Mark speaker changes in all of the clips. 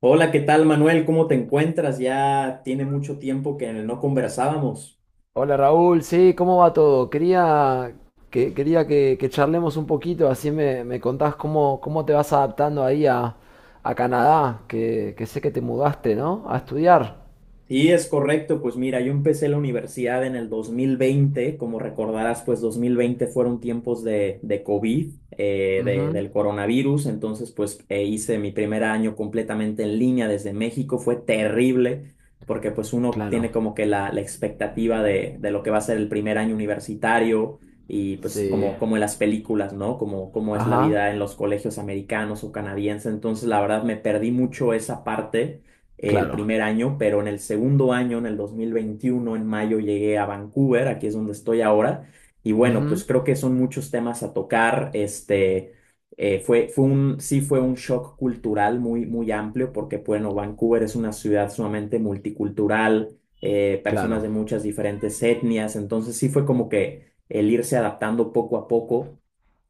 Speaker 1: Hola, ¿qué tal, Manuel? ¿Cómo te encuentras? Ya tiene mucho tiempo que no conversábamos.
Speaker 2: Hola Raúl, sí, ¿cómo va todo? Quería que charlemos un poquito, así me contás cómo te vas adaptando ahí a Canadá, que sé que te mudaste, ¿no? A estudiar.
Speaker 1: Sí, es correcto. Pues mira, yo empecé la universidad en el dos mil veinte. Como recordarás, pues 2020 fueron tiempos de COVID,
Speaker 2: Ujú.
Speaker 1: del coronavirus. Entonces, pues hice mi primer año completamente en línea desde México. Fue terrible porque pues uno
Speaker 2: Claro.
Speaker 1: tiene como que la expectativa de lo que va a ser el primer año universitario y pues
Speaker 2: Sí.
Speaker 1: como, como en las películas, ¿no? Como, como es la
Speaker 2: Ajá.
Speaker 1: vida en los colegios americanos o canadienses. Entonces, la verdad, me perdí mucho esa parte el
Speaker 2: Claro.
Speaker 1: primer año, pero en el segundo año, en el 2021, en mayo, llegué a Vancouver, aquí es donde estoy ahora, y bueno,
Speaker 2: Ujú.
Speaker 1: pues creo que son muchos temas a tocar, fue, sí fue un shock cultural muy, muy amplio, porque bueno, Vancouver es una ciudad sumamente multicultural, personas de
Speaker 2: Claro.
Speaker 1: muchas diferentes etnias, entonces sí fue como que el irse adaptando poco a poco.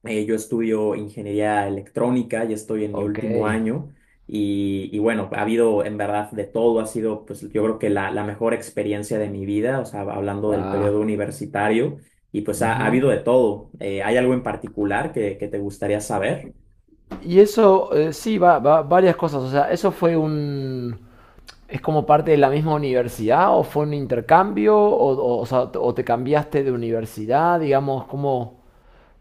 Speaker 1: Yo estudio ingeniería electrónica, ya estoy en mi
Speaker 2: Ok.
Speaker 1: último año y bueno, ha habido en verdad de todo, ha sido pues yo creo que la mejor experiencia de mi vida, o sea, hablando del
Speaker 2: Guau.
Speaker 1: periodo universitario, y pues ha, ha
Speaker 2: Ujú.
Speaker 1: habido de todo. ¿Hay algo en particular que te gustaría saber?
Speaker 2: Y eso, sí, varias cosas. O sea, eso fue un... ¿Es como parte de la misma universidad o fue un intercambio? ¿O sea, o te cambiaste de universidad? Digamos, ¿cómo,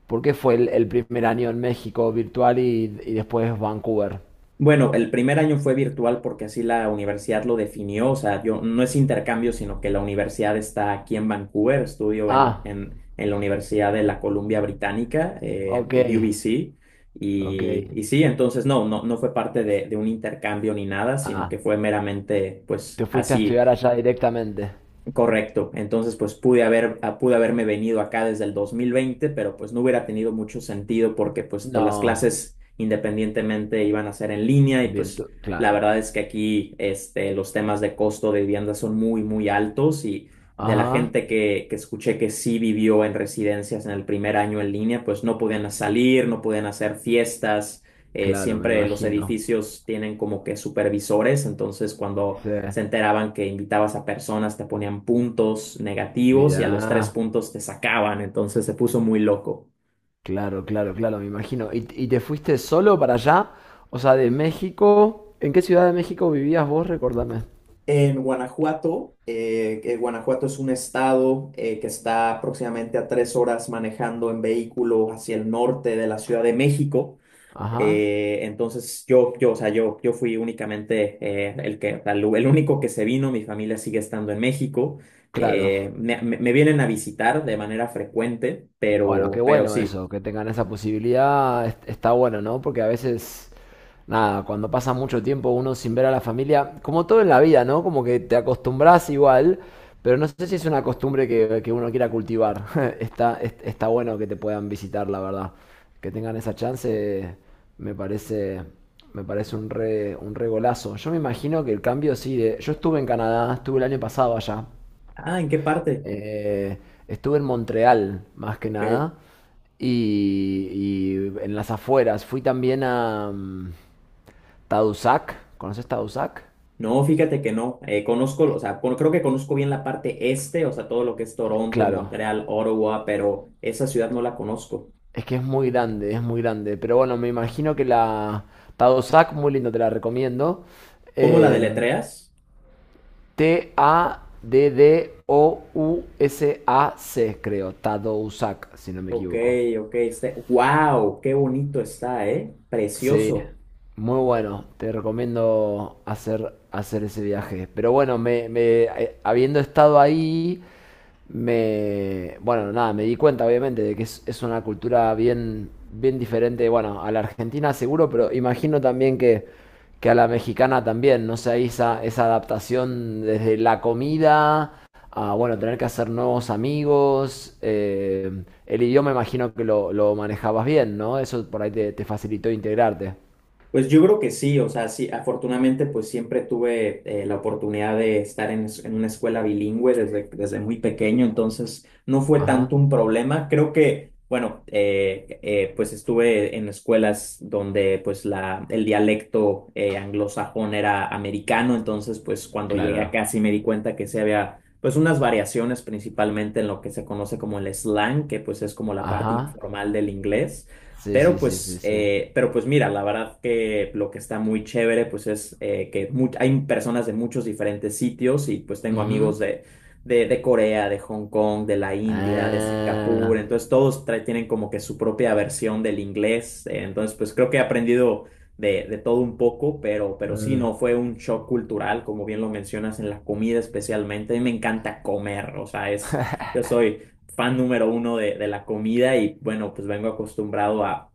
Speaker 2: ¿por qué fue el primer año en México virtual y después Vancouver?
Speaker 1: Bueno, el primer año fue virtual porque así la universidad lo definió, o sea, yo no es intercambio, sino que la universidad está aquí en Vancouver, estudio
Speaker 2: Ah,
Speaker 1: en la Universidad de la Columbia Británica,
Speaker 2: ok,
Speaker 1: de UBC,
Speaker 2: ok.
Speaker 1: y sí, entonces no, no, no fue parte de un intercambio ni nada, sino
Speaker 2: Ah,
Speaker 1: que fue meramente, pues,
Speaker 2: te fuiste a
Speaker 1: así.
Speaker 2: estudiar allá directamente.
Speaker 1: Correcto. Entonces, pues pude haber, pude haberme venido acá desde el 2020, pero pues no hubiera tenido mucho sentido porque pues todas las
Speaker 2: No,
Speaker 1: clases independientemente iban a ser en línea y pues la
Speaker 2: claro.
Speaker 1: verdad es que aquí los temas de costo de vivienda son muy, muy altos y de la
Speaker 2: Ajá,
Speaker 1: gente que escuché que sí vivió en residencias en el primer año en línea, pues no podían salir, no podían hacer fiestas,
Speaker 2: claro, me
Speaker 1: siempre los
Speaker 2: imagino.
Speaker 1: edificios tienen como que supervisores, entonces cuando
Speaker 2: Sí,
Speaker 1: se enteraban que invitabas a personas, te ponían puntos negativos y a los tres
Speaker 2: mira.
Speaker 1: puntos te sacaban, entonces se puso muy loco.
Speaker 2: Claro, claro, claro, me imagino. ¿Y te fuiste solo para allá? O sea, de México. ¿En qué ciudad de México vivías vos? Recordame.
Speaker 1: En Guanajuato, Guanajuato es un estado que está aproximadamente a tres horas manejando en vehículo hacia el norte de la Ciudad de México.
Speaker 2: Ajá.
Speaker 1: Entonces o sea, yo fui únicamente el único que se vino, mi familia sigue estando en México.
Speaker 2: Claro.
Speaker 1: Me vienen a visitar de manera frecuente,
Speaker 2: Bueno, qué
Speaker 1: pero
Speaker 2: bueno
Speaker 1: sí.
Speaker 2: eso, que tengan esa posibilidad, está bueno, ¿no? Porque a veces, nada, cuando pasa mucho tiempo uno sin ver a la familia, como todo en la vida, ¿no? Como que te acostumbras igual, pero no sé si es una costumbre que uno quiera cultivar. Está bueno que te puedan visitar, la verdad. Que tengan esa chance, me parece, me parece un re golazo. Yo me imagino que el cambio sí, de- yo estuve en Canadá, estuve el año pasado allá.
Speaker 1: Ah, ¿en qué parte?
Speaker 2: Eh, estuve en Montreal, más que
Speaker 1: Ok.
Speaker 2: nada, y en las afueras. Fui también a Tadoussac. ¿Conoces Tadoussac?
Speaker 1: No, fíjate que no. Conozco, o sea, creo que conozco bien la parte este, o sea, todo lo que es Toronto,
Speaker 2: Claro,
Speaker 1: Montreal, Ottawa, pero esa ciudad no la conozco.
Speaker 2: es que es muy grande, es muy grande. Pero bueno, me imagino que la Tadoussac, muy lindo, te la recomiendo.
Speaker 1: ¿Cómo la
Speaker 2: Em,
Speaker 1: deletreas?
Speaker 2: Taddousac, creo. Tadoussac, si no me
Speaker 1: Ok,
Speaker 2: equivoco.
Speaker 1: ok. Este, wow, qué bonito está, ¿eh?
Speaker 2: Sí,
Speaker 1: Precioso.
Speaker 2: muy bueno. Te recomiendo hacer, hacer ese viaje. Pero bueno, me- habiendo estado ahí, me, bueno, nada, me di cuenta obviamente de que es una cultura bien, bien diferente, bueno, a la argentina seguro, pero imagino también que a la mexicana también, no sé, ahí esa, esa adaptación desde la comida a, bueno, tener que hacer nuevos amigos. El idioma imagino que lo manejabas bien, ¿no? Eso por ahí te, te facilitó integrarte.
Speaker 1: Pues yo creo que sí, o sea, sí, afortunadamente pues siempre tuve la oportunidad de estar en, en una escuela bilingüe desde, desde muy pequeño, entonces no fue
Speaker 2: Ajá,
Speaker 1: tanto un problema. Creo que, bueno, pues estuve en escuelas donde pues el dialecto anglosajón era americano, entonces pues cuando llegué
Speaker 2: claro.
Speaker 1: acá sí me di cuenta que se había pues unas variaciones principalmente en lo que se conoce como el slang, que pues es como la parte
Speaker 2: Ajá.
Speaker 1: informal del inglés.
Speaker 2: Sí, sí, sí, sí, sí.
Speaker 1: Pero pues mira, la verdad que lo que está muy chévere pues es que hay personas de muchos diferentes sitios y pues tengo
Speaker 2: Ujú.
Speaker 1: amigos de, de Corea, de Hong Kong, de la India, de Singapur,
Speaker 2: Ah.
Speaker 1: entonces todos tienen como que su propia versión del inglés, entonces pues creo que he aprendido de todo un poco, pero sí,
Speaker 2: Eh,
Speaker 1: no, fue un shock cultural, como bien lo mencionas, en la comida especialmente, a mí me encanta comer, o sea, es... Yo soy, fan número uno de la comida y bueno, pues vengo acostumbrado a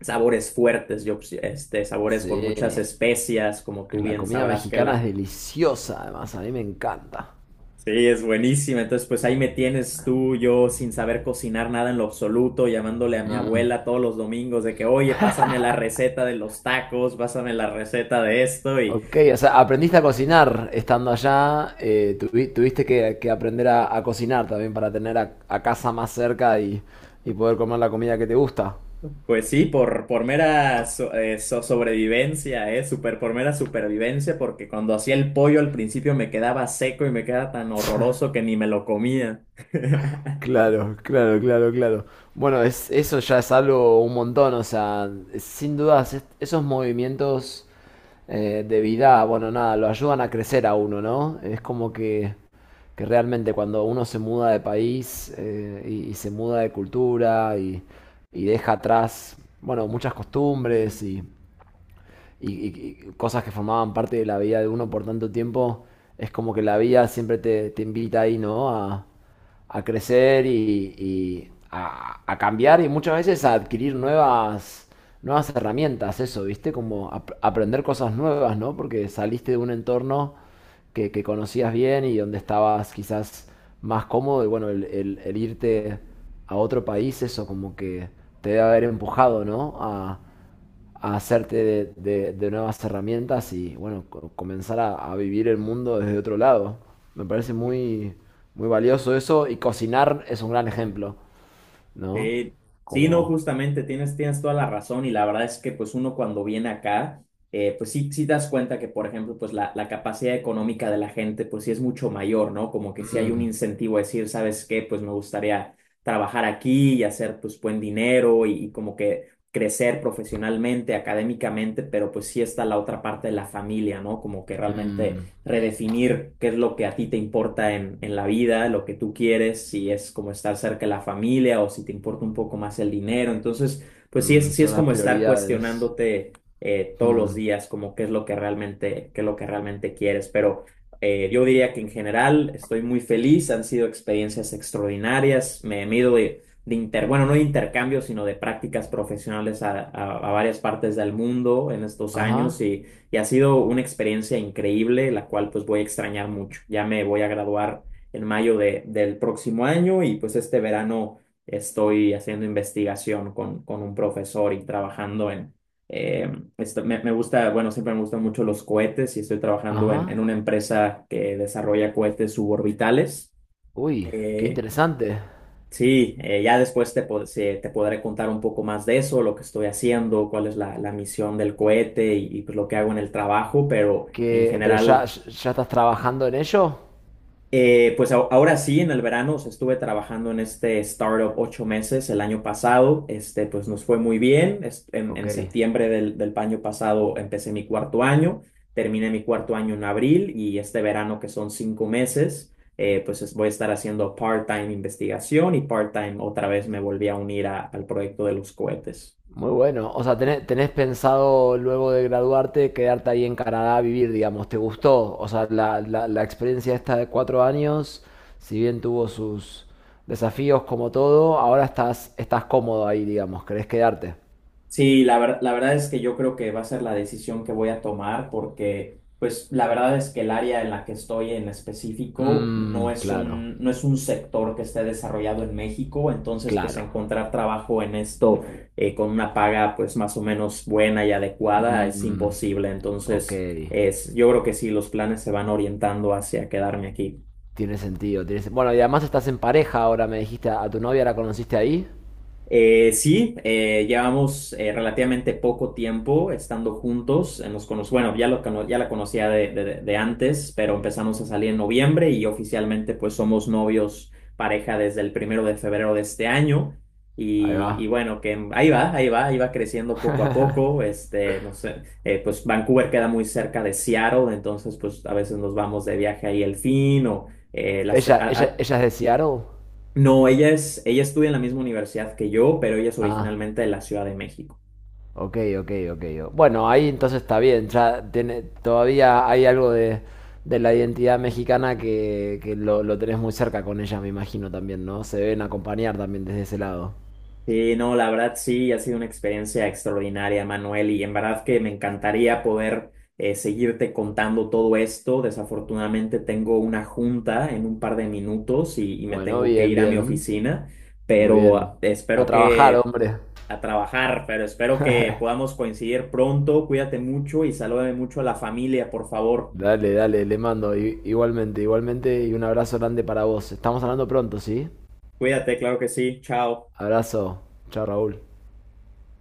Speaker 1: sabores fuertes, yo pues, este, sabores con muchas
Speaker 2: sí.
Speaker 1: especias, como tú
Speaker 2: La
Speaker 1: bien
Speaker 2: comida
Speaker 1: sabrás que
Speaker 2: mexicana es
Speaker 1: la...
Speaker 2: deliciosa, además, a mí me encanta.
Speaker 1: Sí, es buenísima. Entonces, pues ahí me tienes tú, yo sin saber cocinar nada en lo absoluto, llamándole a mi abuela todos los domingos de que, oye, pásame la receta de los tacos, pásame la receta de esto y
Speaker 2: Ok, o sea, aprendiste a cocinar estando allá, tuviste que aprender a cocinar también para tener a casa más cerca y poder comer la comida que te gusta.
Speaker 1: pues sí, por mera sobrevivencia, ¿eh? Super, por mera supervivencia, porque cuando hacía el pollo al principio me quedaba seco y me quedaba tan horroroso que ni me lo comía.
Speaker 2: Claro, claro, claro, claro. Bueno, es, eso ya es algo un montón, o sea, sin dudas, esos movimientos de vida, bueno, nada, lo ayudan a crecer a uno, ¿no? Es como que realmente cuando uno se muda de país y se muda de cultura y deja atrás, bueno, muchas costumbres y y cosas que formaban parte de la vida de uno por tanto tiempo, es como que la vida siempre te, te invita ahí, ¿no? A crecer y a cambiar y muchas veces a adquirir nuevas, nuevas herramientas, eso, ¿viste? Como aprender cosas nuevas, ¿no? Porque saliste de un entorno que conocías bien y donde estabas quizás más cómodo y bueno, el irte a otro país, eso como que te debe haber empujado, ¿no? A hacerte de nuevas herramientas y bueno, comenzar a vivir el mundo desde otro lado. Me parece muy, muy valioso eso y cocinar es un gran ejemplo, ¿no?
Speaker 1: Sí, sí, no,
Speaker 2: Como,
Speaker 1: justamente tienes, tienes toda la razón y la verdad es que pues uno cuando viene acá, pues sí, sí das cuenta que por ejemplo pues la capacidad económica de la gente pues sí es mucho mayor, ¿no? Como que sí hay un
Speaker 2: mm,
Speaker 1: incentivo a decir, ¿sabes qué? Pues me gustaría trabajar aquí y hacer pues buen dinero y como que crecer profesionalmente, académicamente, pero pues sí está la otra parte de la familia, ¿no? Como que
Speaker 2: mm,
Speaker 1: realmente redefinir qué es lo que a ti te importa en la vida, lo que tú quieres, si es como estar cerca de la familia o si te importa un poco más el dinero. Entonces, pues
Speaker 2: mm,
Speaker 1: sí
Speaker 2: son
Speaker 1: es
Speaker 2: las
Speaker 1: como estar
Speaker 2: prioridades.
Speaker 1: cuestionándote todos los
Speaker 2: Mm,
Speaker 1: días, como qué es lo que realmente, qué es lo que realmente quieres. Pero yo diría que en general estoy muy feliz, han sido experiencias extraordinarias, me he ido de, bueno, no de intercambio, sino de prácticas profesionales a, a varias partes del mundo en estos años
Speaker 2: ajá,
Speaker 1: y ha sido una experiencia increíble, la cual pues voy a extrañar mucho. Ya me voy a graduar en mayo del próximo año y pues este verano estoy haciendo investigación con un profesor y trabajando en... eh, me, me gusta, bueno, siempre me gustan mucho los cohetes y estoy trabajando en
Speaker 2: ajá.
Speaker 1: una empresa que desarrolla cohetes suborbitales.
Speaker 2: Uy, qué
Speaker 1: Eh,
Speaker 2: interesante.
Speaker 1: Sí, ya después te podré contar un poco más de eso, lo que estoy haciendo, cuál es la misión del cohete y, pues lo que hago en el trabajo, pero en
Speaker 2: Que, pero ya,
Speaker 1: general
Speaker 2: ya estás trabajando en ello.
Speaker 1: pues ahora sí, en el verano, o sea, estuve trabajando en este startup ocho meses el año pasado, este, pues nos fue muy bien.
Speaker 2: Ok.
Speaker 1: En septiembre del año pasado empecé mi cuarto año, terminé mi cuarto año en abril y este verano, que son cinco meses, pues voy a estar haciendo part-time investigación y part-time otra vez me volví a unir al proyecto de los cohetes.
Speaker 2: Muy bueno. O sea, tenés, tenés pensado luego de graduarte quedarte ahí en Canadá a vivir, digamos. ¿Te gustó? O sea, la experiencia esta de 4 años, si bien tuvo sus desafíos como todo, ahora estás, estás cómodo ahí, digamos. ¿Querés quedarte?
Speaker 1: Sí, la verdad es que yo creo que va a ser la decisión que voy a tomar porque, pues, la verdad es que el área en la que estoy en específico no
Speaker 2: Mmm,
Speaker 1: es
Speaker 2: claro,
Speaker 1: un, no es un sector que esté desarrollado en México, entonces, pues,
Speaker 2: claro.
Speaker 1: encontrar trabajo en esto con una paga, pues, más o menos buena y adecuada es
Speaker 2: Mmm,
Speaker 1: imposible.
Speaker 2: ok.
Speaker 1: Entonces, es, yo creo que sí, los planes se van orientando hacia quedarme aquí.
Speaker 2: Tiene sentido, tiene sen- Bueno, y además estás en pareja ahora, me dijiste. ¿A tu novia la conociste ahí?
Speaker 1: Sí, llevamos relativamente poco tiempo estando juntos. Bueno, ya, ya la conocía de, de antes, pero empezamos a salir en noviembre y oficialmente pues somos novios pareja desde el primero de febrero de este año.
Speaker 2: Ahí va.
Speaker 1: Y bueno, que ahí va, ahí va, ahí va creciendo poco a poco. Este, no sé, pues Vancouver queda muy cerca de Seattle, entonces pues a veces nos vamos de viaje ahí el fin o eh, las- a-
Speaker 2: ¿Ella, ella,
Speaker 1: a-
Speaker 2: ella es de Seattle?
Speaker 1: no, ella es, ella estudia en la misma universidad que yo, pero ella es
Speaker 2: Ah.
Speaker 1: originalmente de la Ciudad de México.
Speaker 2: Ok, ok, ok. Bueno, ahí entonces está bien. Ya tiene, todavía hay algo de la identidad mexicana que lo tenés muy cerca con ella, me imagino también, ¿no? Se deben acompañar también desde ese lado.
Speaker 1: Sí, no, la verdad sí, ha sido una experiencia extraordinaria, Manuel, y en verdad que me encantaría poder seguirte contando todo esto. Desafortunadamente tengo una junta en un par de minutos y me
Speaker 2: Bueno,
Speaker 1: tengo que
Speaker 2: bien,
Speaker 1: ir a mi
Speaker 2: bien.
Speaker 1: oficina,
Speaker 2: Muy bien.
Speaker 1: pero
Speaker 2: A
Speaker 1: espero
Speaker 2: trabajar,
Speaker 1: que
Speaker 2: hombre.
Speaker 1: a trabajar, pero espero que podamos coincidir pronto. Cuídate mucho y salúdame mucho a la familia, por favor.
Speaker 2: Dale, dale, le mando. I- igualmente, igualmente. Y un abrazo grande para vos. Estamos hablando pronto, ¿sí?
Speaker 1: Cuídate, claro que sí. Chao.
Speaker 2: Abrazo. Chao, Raúl.